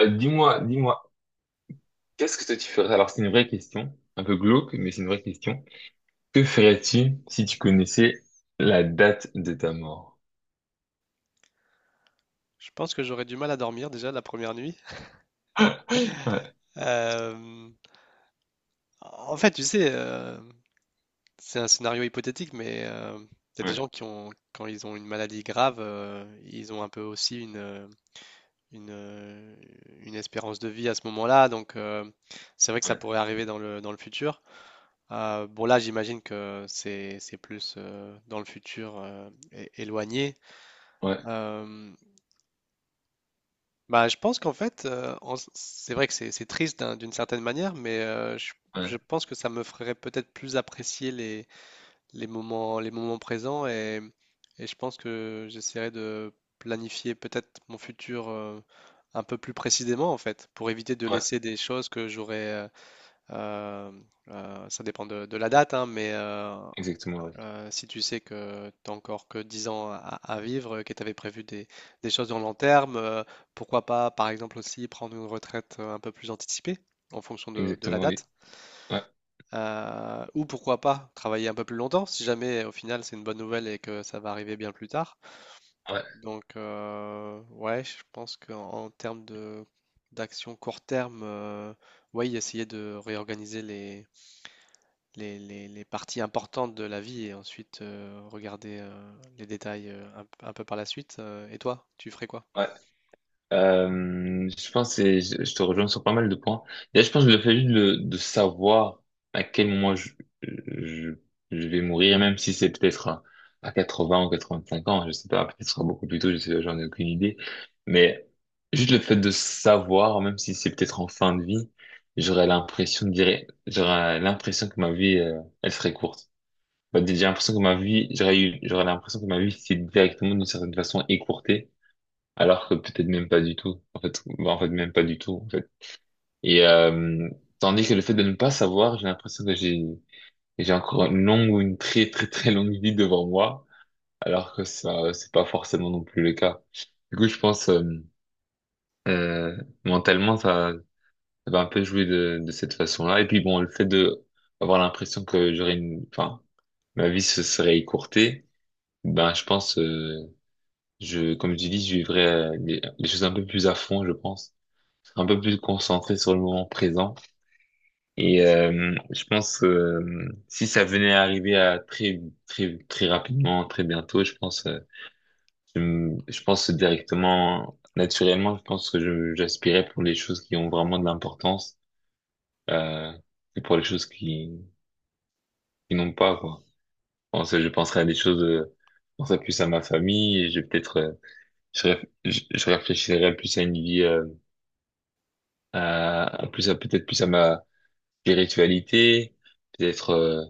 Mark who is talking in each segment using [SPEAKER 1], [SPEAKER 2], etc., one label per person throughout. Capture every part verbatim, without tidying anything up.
[SPEAKER 1] Euh, dis-moi, dis-moi, qu'est-ce que toi tu ferais? Alors c'est une vraie question, un peu glauque, mais c'est une vraie question. Que ferais-tu si tu connaissais la date de ta mort?
[SPEAKER 2] Je pense que j'aurais du mal à dormir déjà la première nuit.
[SPEAKER 1] Ouais,
[SPEAKER 2] Euh, En fait, tu sais, euh, c'est un scénario hypothétique, mais euh, il y a des
[SPEAKER 1] ouais,
[SPEAKER 2] gens qui ont, quand ils ont une maladie grave, euh, ils ont un peu aussi une, euh, une, euh, une espérance de vie à ce moment-là. Donc, euh, c'est vrai que ça pourrait
[SPEAKER 1] ouais,
[SPEAKER 2] arriver dans le, dans le futur. Euh, bon, là, j'imagine que c'est, c'est plus euh, dans le futur euh, é- éloigné.
[SPEAKER 1] ouais,
[SPEAKER 2] Euh, Bah, je pense qu'en fait, euh, en s- c'est vrai que c'est c'est triste d'un- d'une certaine manière, mais euh, je,
[SPEAKER 1] ouais,
[SPEAKER 2] je pense que ça me ferait peut-être plus apprécier les, les moments, les moments présents et, et je pense que j'essaierai de planifier peut-être mon futur euh, un peu plus précisément en fait, pour éviter de
[SPEAKER 1] ouais,
[SPEAKER 2] laisser des choses que j'aurais. Euh, euh, euh, ça dépend de, de la date, hein, mais euh,
[SPEAKER 1] exactement, oui.
[SPEAKER 2] euh, si tu sais que tu n'as encore que dix ans à, à vivre, que tu avais prévu des, des choses dans le long terme, euh, pourquoi pas, par exemple, aussi prendre une retraite euh, un peu plus anticipée en fonction de, de la
[SPEAKER 1] Exactement, oui.
[SPEAKER 2] date.
[SPEAKER 1] Ouais,
[SPEAKER 2] Euh, ou pourquoi pas travailler un peu plus longtemps si jamais au final c'est une bonne nouvelle et que ça va arriver bien plus tard.
[SPEAKER 1] ouais,
[SPEAKER 2] Donc, euh, ouais, je pense qu'en en termes de d'action court terme, euh, ouais, essayer de réorganiser les les, les- les parties importantes de la vie et ensuite euh, regarder euh, les détails euh, un, un peu par la suite. Euh, et toi, tu ferais quoi?
[SPEAKER 1] ouais. Euh, je pense que c'est- je je te rejoins sur pas mal de points. Là, je pense que le fait juste de, de savoir à quel moment je, je, je vais mourir, même si c'est peut-être à quatre-vingts ou quatre-vingt-cinq ans, je sais pas, peut-être ce sera beaucoup plus tôt, je sais, j'en ai aucune idée. Mais juste le fait de savoir, même si c'est peut-être en fin de vie, j'aurais l'impression de dire, j'aurais l'impression que ma vie, euh, elle serait courte. Bah, j'ai l'impression que ma vie, j'aurais eu, j'aurais l'impression que ma vie s'est directement d'une certaine façon écourtée alors que peut-être même pas du tout. En fait, bah, en fait, même pas du tout, en fait. Et euh, tandis que le fait de ne pas savoir, j'ai l'impression que j'ai j'ai encore une longue ou une très très très longue vie devant moi, alors que ça c'est pas forcément non plus le cas. Du coup, je pense euh, euh, mentalement ça, ça va un peu jouer de de cette façon-là. Et puis bon, le fait de avoir l'impression que j'aurais une, enfin, ma vie se serait écourtée, ben je pense, euh, je comme je dis, je vivrais euh, les les choses un peu plus à fond, je pense. Un peu plus concentré sur le moment présent. Et euh, je pense que euh, si ça venait à arriver à très très très rapidement, très bientôt, je pense euh, je, me- je pense directement naturellement, je pense que je j'aspirais pour les choses qui ont vraiment de l'importance euh, et pour les choses qui qui n'ont pas quoi. Je pense, je penserais à des choses euh, je penserais plus à ma famille et je peut-être euh, je, réf- je, je réfléchirais plus à une vie euh, à, à plus à peut-être plus à ma spiritualité, peut-être euh,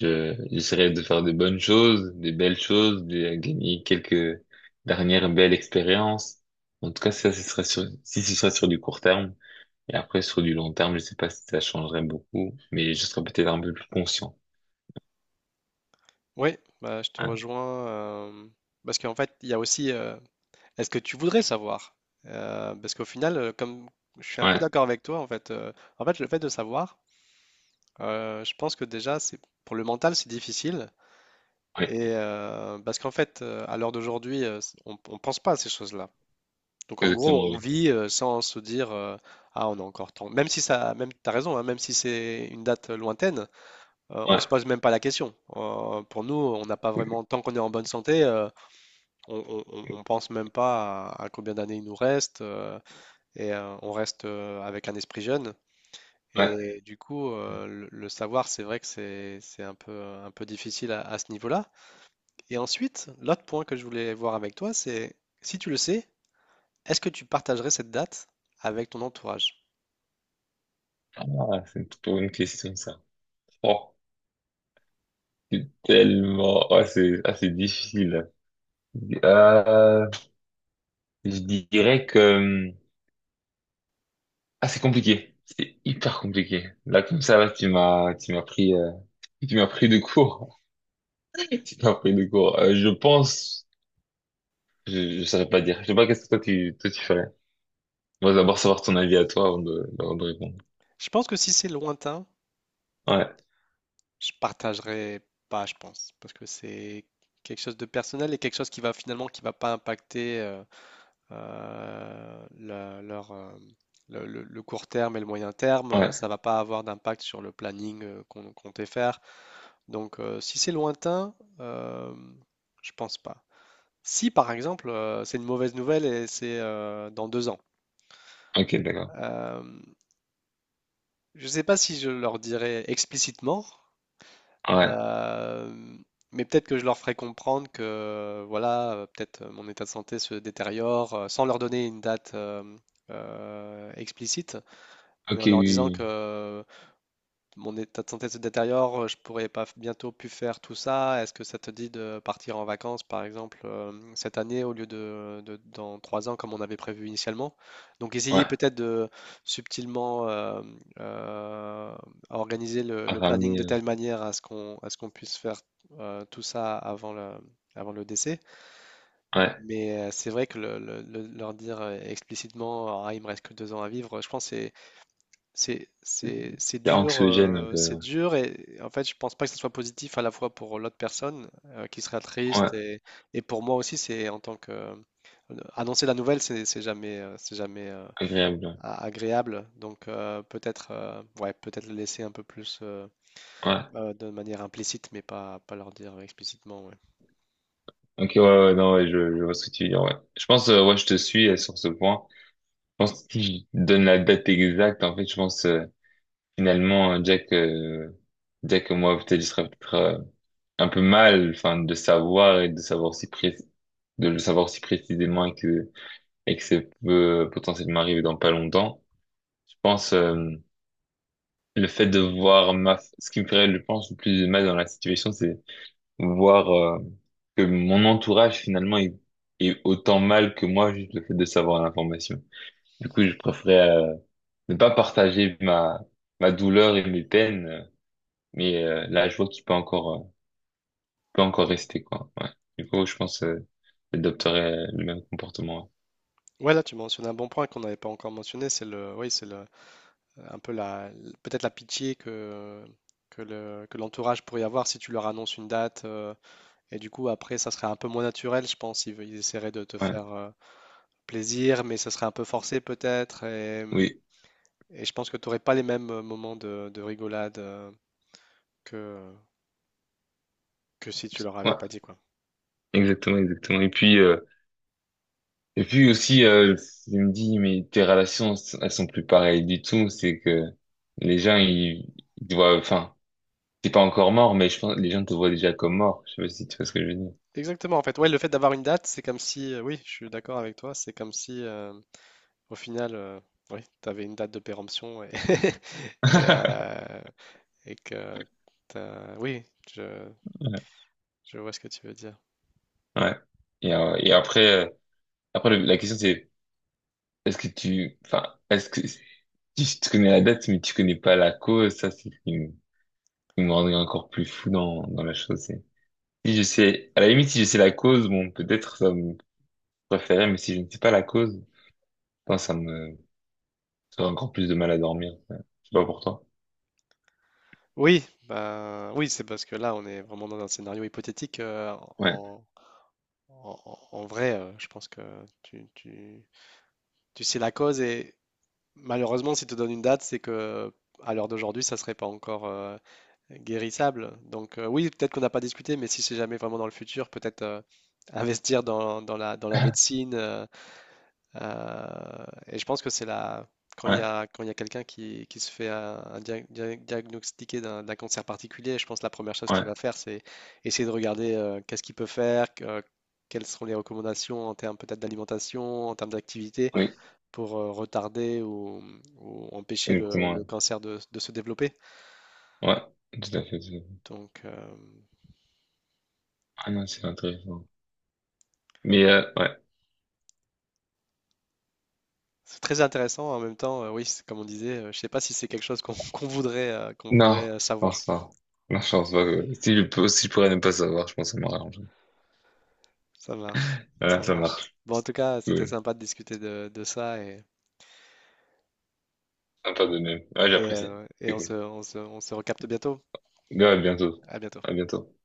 [SPEAKER 1] je, j'essaierai de faire de bonnes choses, des belles choses, de gagner quelques dernières belles expériences. En tout cas, ça, ce serait sur, si ce serait sur du court terme. Et après, sur du long terme, je sais pas si ça changerait beaucoup, mais je serais peut-être un peu plus conscient.
[SPEAKER 2] Oui, bah, je te
[SPEAKER 1] Hein.
[SPEAKER 2] rejoins euh, parce qu'en fait, il y a aussi euh, est-ce que tu voudrais savoir? Euh, parce qu'au final, euh, comme je suis un peu
[SPEAKER 1] Ouais,
[SPEAKER 2] d'accord avec toi, en fait, euh, en fait, le fait de savoir, euh, je pense que déjà, c'est pour le mental, c'est difficile. Et
[SPEAKER 1] ouais,
[SPEAKER 2] euh, parce qu'en fait, euh, à l'heure d'aujourd'hui, euh, on ne pense pas à ces choses-là. Donc en
[SPEAKER 1] exactement,
[SPEAKER 2] gros, on
[SPEAKER 1] oui.
[SPEAKER 2] vit euh, sans se dire euh, ah on a encore temps. Même si ça, même t'as raison, hein, même si c'est une date euh, lointaine, euh, on se
[SPEAKER 1] Ouais,
[SPEAKER 2] pose même pas la question. Euh, pour nous, on n'a pas vraiment tant qu'on est en bonne santé, euh, on, on- on- on pense même pas à, à combien d'années il nous reste euh, et euh, on reste euh, avec un esprit jeune.
[SPEAKER 1] ouais.
[SPEAKER 2] Et du coup, euh, le, le savoir, c'est vrai que c'est c'est un peu un peu difficile à à ce niveau-là. Et ensuite, l'autre point que je voulais voir avec toi, c'est si tu le sais, est-ce que tu partagerais cette date avec ton entourage?
[SPEAKER 1] Ah, c'est une trop bonne question, ça. Oh, c'est tellement, ah, c'est, ah, c'est difficile. Ah, je dirais que, hum, ah, c'est compliqué. C'est hyper compliqué. Là, comme ça, là, tu m'as, tu m'as pris, euh, tu m'as pris de court. Tu m'as pris de court. Euh, je pense, je, je saurais pas dire. Je sais pas qu'est-ce que toi tu, toi tu ferais. On va d'abord savoir ton avis à toi avant de, avant de répondre.
[SPEAKER 2] Je pense que si c'est lointain,
[SPEAKER 1] Ouais,
[SPEAKER 2] je partagerai pas, je pense, parce que c'est quelque chose de personnel et quelque chose qui va finalement qui va pas impacter euh, euh, la- leur, euh, le, le- le court terme et le moyen terme. euh, Ça
[SPEAKER 1] ouais.
[SPEAKER 2] va pas avoir d'impact sur le planning euh, qu'on comptait faire. Donc, euh, si c'est lointain, euh, je pense pas. Si par exemple euh, c'est une mauvaise nouvelle et c'est euh, dans deux ans,
[SPEAKER 1] Ok, d'accord.
[SPEAKER 2] euh, je ne sais pas si je leur dirais explicitement.
[SPEAKER 1] Ouais.
[SPEAKER 2] Euh, mais peut-être que je leur ferai comprendre que euh, voilà, euh, peut-être euh, mon état de santé se détériore euh, sans leur donner une date euh, euh, explicite, mais
[SPEAKER 1] Ok,
[SPEAKER 2] en
[SPEAKER 1] oui,
[SPEAKER 2] leur disant que
[SPEAKER 1] oui.
[SPEAKER 2] euh, mon état de santé se détériore, euh, je pourrais pas f- bientôt plus faire tout ça. Est-ce que ça te dit de partir en vacances, par exemple, euh, cette année au lieu de, de- dans trois ans comme on avait prévu initialement? Donc
[SPEAKER 1] Oui. Ouais.
[SPEAKER 2] essayer peut-être de subtilement euh, euh, organiser le,
[SPEAKER 1] À
[SPEAKER 2] le planning
[SPEAKER 1] ramener,
[SPEAKER 2] de
[SPEAKER 1] euh,
[SPEAKER 2] telle manière à ce qu'on à ce qu'on puisse faire euh, tout ça avant le, avant le décès.
[SPEAKER 1] ouais.
[SPEAKER 2] Mais euh, c'est vrai que le- le- le- leur dire euh, explicitement, ah, il me reste que deux ans à vivre, je pense que c'est c'est c'est- c'est
[SPEAKER 1] C'est
[SPEAKER 2] dur,
[SPEAKER 1] anxiogène un
[SPEAKER 2] euh,
[SPEAKER 1] peu.
[SPEAKER 2] c'est
[SPEAKER 1] Ouais.
[SPEAKER 2] dur et en fait je pense pas que ce soit positif à la fois pour l'autre personne euh, qui sera
[SPEAKER 1] Ouais,
[SPEAKER 2] triste et, et pour moi aussi c'est en tant que euh, annoncer la nouvelle c'est c'est jamais euh, c'est jamais euh,
[SPEAKER 1] agréable. Ouais.
[SPEAKER 2] a- agréable donc euh, peut-être euh, ouais peut-être le laisser un peu plus euh,
[SPEAKER 1] Ouais.
[SPEAKER 2] euh, de manière implicite mais pas pas leur dire explicitement ouais.
[SPEAKER 1] Ok, ouais, ouais, non, ouais, je, je vois ce que tu veux dire, ouais. Je pense, euh, ouais, je te suis euh, sur ce point. Je pense que si je donne la date exacte, en fait, je pense, euh, finalement, Jack, euh, Jack et moi, peut-être, je serais peut-être euh, un peu mal, enfin, de savoir et de savoir si pré- de le savoir si précisément et que, et que ça peut potentiellement arriver dans pas longtemps. Je pense, euh, le fait de voir ma, ce qui me ferait, je pense, le plus de mal dans la situation, c'est voir, euh, que mon entourage, finalement, est, est autant mal que moi, juste le fait de savoir l'information. Du coup, je préférerais, euh, ne pas partager ma, ma douleur et mes peines, mais euh, là, je vois qu'il peut encore, euh, peut encore rester, quoi. Ouais. Du coup, je pense euh, j'adopterais le même comportement.
[SPEAKER 2] Ouais là tu mentionnes un bon point qu'on n'avait pas encore mentionné c'est le oui c'est le euh, un peu la, peut-être la pitié que, que le- que l'entourage pourrait avoir si tu leur annonces une date. Euh, et du coup, après, ça serait un peu moins naturel, je pense. Ils, ils essaieraient de te
[SPEAKER 1] Ouais. Ouais.
[SPEAKER 2] faire euh, plaisir, mais ça serait un peu forcé peut-être. Et,
[SPEAKER 1] Oui.
[SPEAKER 2] et je pense que tu n'aurais pas les mêmes euh, moments de, de rigolade euh, que, que si tu leur
[SPEAKER 1] Ouais.
[SPEAKER 2] avais pas dit quoi.
[SPEAKER 1] Exactement, exactement. Et puis, euh, et puis aussi, euh, je me dis, mais tes relations, elles sont plus pareilles du tout. C'est que les gens, ils, ils te voient, enfin, t'es pas encore mort, mais je pense que les gens te voient déjà comme mort. Je sais pas si tu vois ce que je veux dire.
[SPEAKER 2] Exactement, en fait. Ouais, le fait d'avoir une date, c'est comme si, euh, oui, je suis d'accord avec toi, c'est comme si, euh, au final, euh, oui, tu avais une date de péremption et, et, euh, et que t'as... Oui, je,
[SPEAKER 1] Ouais.
[SPEAKER 2] je vois ce que tu veux dire.
[SPEAKER 1] Ouais. Et, euh, et après, euh, après le- la question c'est, est-ce que tu, enfin, est-ce que si tu connais la date, mais tu connais pas la cause, ça, c'est ce qui me qui me rendrait encore plus fou dans, dans la chose. c'est- Si je sais, à la limite, si je sais la cause, bon, peut-être ça me préférait, mais si je ne sais pas la cause, putain, ça me, ça aurait encore plus de mal à dormir. Ouais. Je sais pas pour toi.
[SPEAKER 2] Oui, bah oui, c'est parce que là, on est vraiment dans un scénario hypothétique. Euh,
[SPEAKER 1] Ouais.
[SPEAKER 2] en, en- en- en vrai, euh, je pense que tu, tu- tu sais la cause et malheureusement, si tu donnes une date, c'est que à l'heure d'aujourd'hui, ça serait pas encore euh, guérissable. Donc euh, oui, peut-être qu'on n'a pas discuté, mais si c'est jamais vraiment dans le futur, peut-être euh, investir dans, dans la, dans la médecine. Euh, Euh, et je pense que c'est la quand il y
[SPEAKER 1] Ouais.
[SPEAKER 2] a quand il y a quelqu'un qui, qui se fait un, un dia- dia- diagnostiquer d'un d'un cancer particulier, je pense que la première chose qu'il
[SPEAKER 1] Ouais.
[SPEAKER 2] va faire, c'est essayer de regarder euh, qu'est-ce qu'il peut faire, que- quelles sont les recommandations en termes peut-être d'alimentation, en termes d'activité
[SPEAKER 1] Oui.
[SPEAKER 2] pour euh, retarder ou, ou empêcher le, le
[SPEAKER 1] Exactement.
[SPEAKER 2] cancer de, de se développer.
[SPEAKER 1] Ouais. Ouais. Tout à fait. Tout à fait.
[SPEAKER 2] Donc euh,
[SPEAKER 1] Ah non, c'est intéressant. Mais, euh, ouais.
[SPEAKER 2] c'est très intéressant. En même temps, euh, oui, c'est comme on disait, euh, je ne sais pas si c'est quelque chose qu'on qu'on voudrait euh, qu'on
[SPEAKER 1] Non.
[SPEAKER 2] voudrait
[SPEAKER 1] Je
[SPEAKER 2] euh, savoir.
[SPEAKER 1] pense pas. Non, je pense pas que, si je peux, si je pourrais ne pas savoir, je pense que ça m'aurait arrangé.
[SPEAKER 2] Ça marche,
[SPEAKER 1] Ouais,
[SPEAKER 2] ça
[SPEAKER 1] ça
[SPEAKER 2] marche.
[SPEAKER 1] marche.
[SPEAKER 2] Bon, en tout cas, c'était
[SPEAKER 1] Cool.
[SPEAKER 2] sympa de discuter de, de ça et,
[SPEAKER 1] Sympa de même. Ouais,
[SPEAKER 2] et,
[SPEAKER 1] j'apprécie.
[SPEAKER 2] euh, et on se, on se, on se recapte bientôt.
[SPEAKER 1] Ouais, à bientôt.
[SPEAKER 2] À bientôt.
[SPEAKER 1] À bientôt.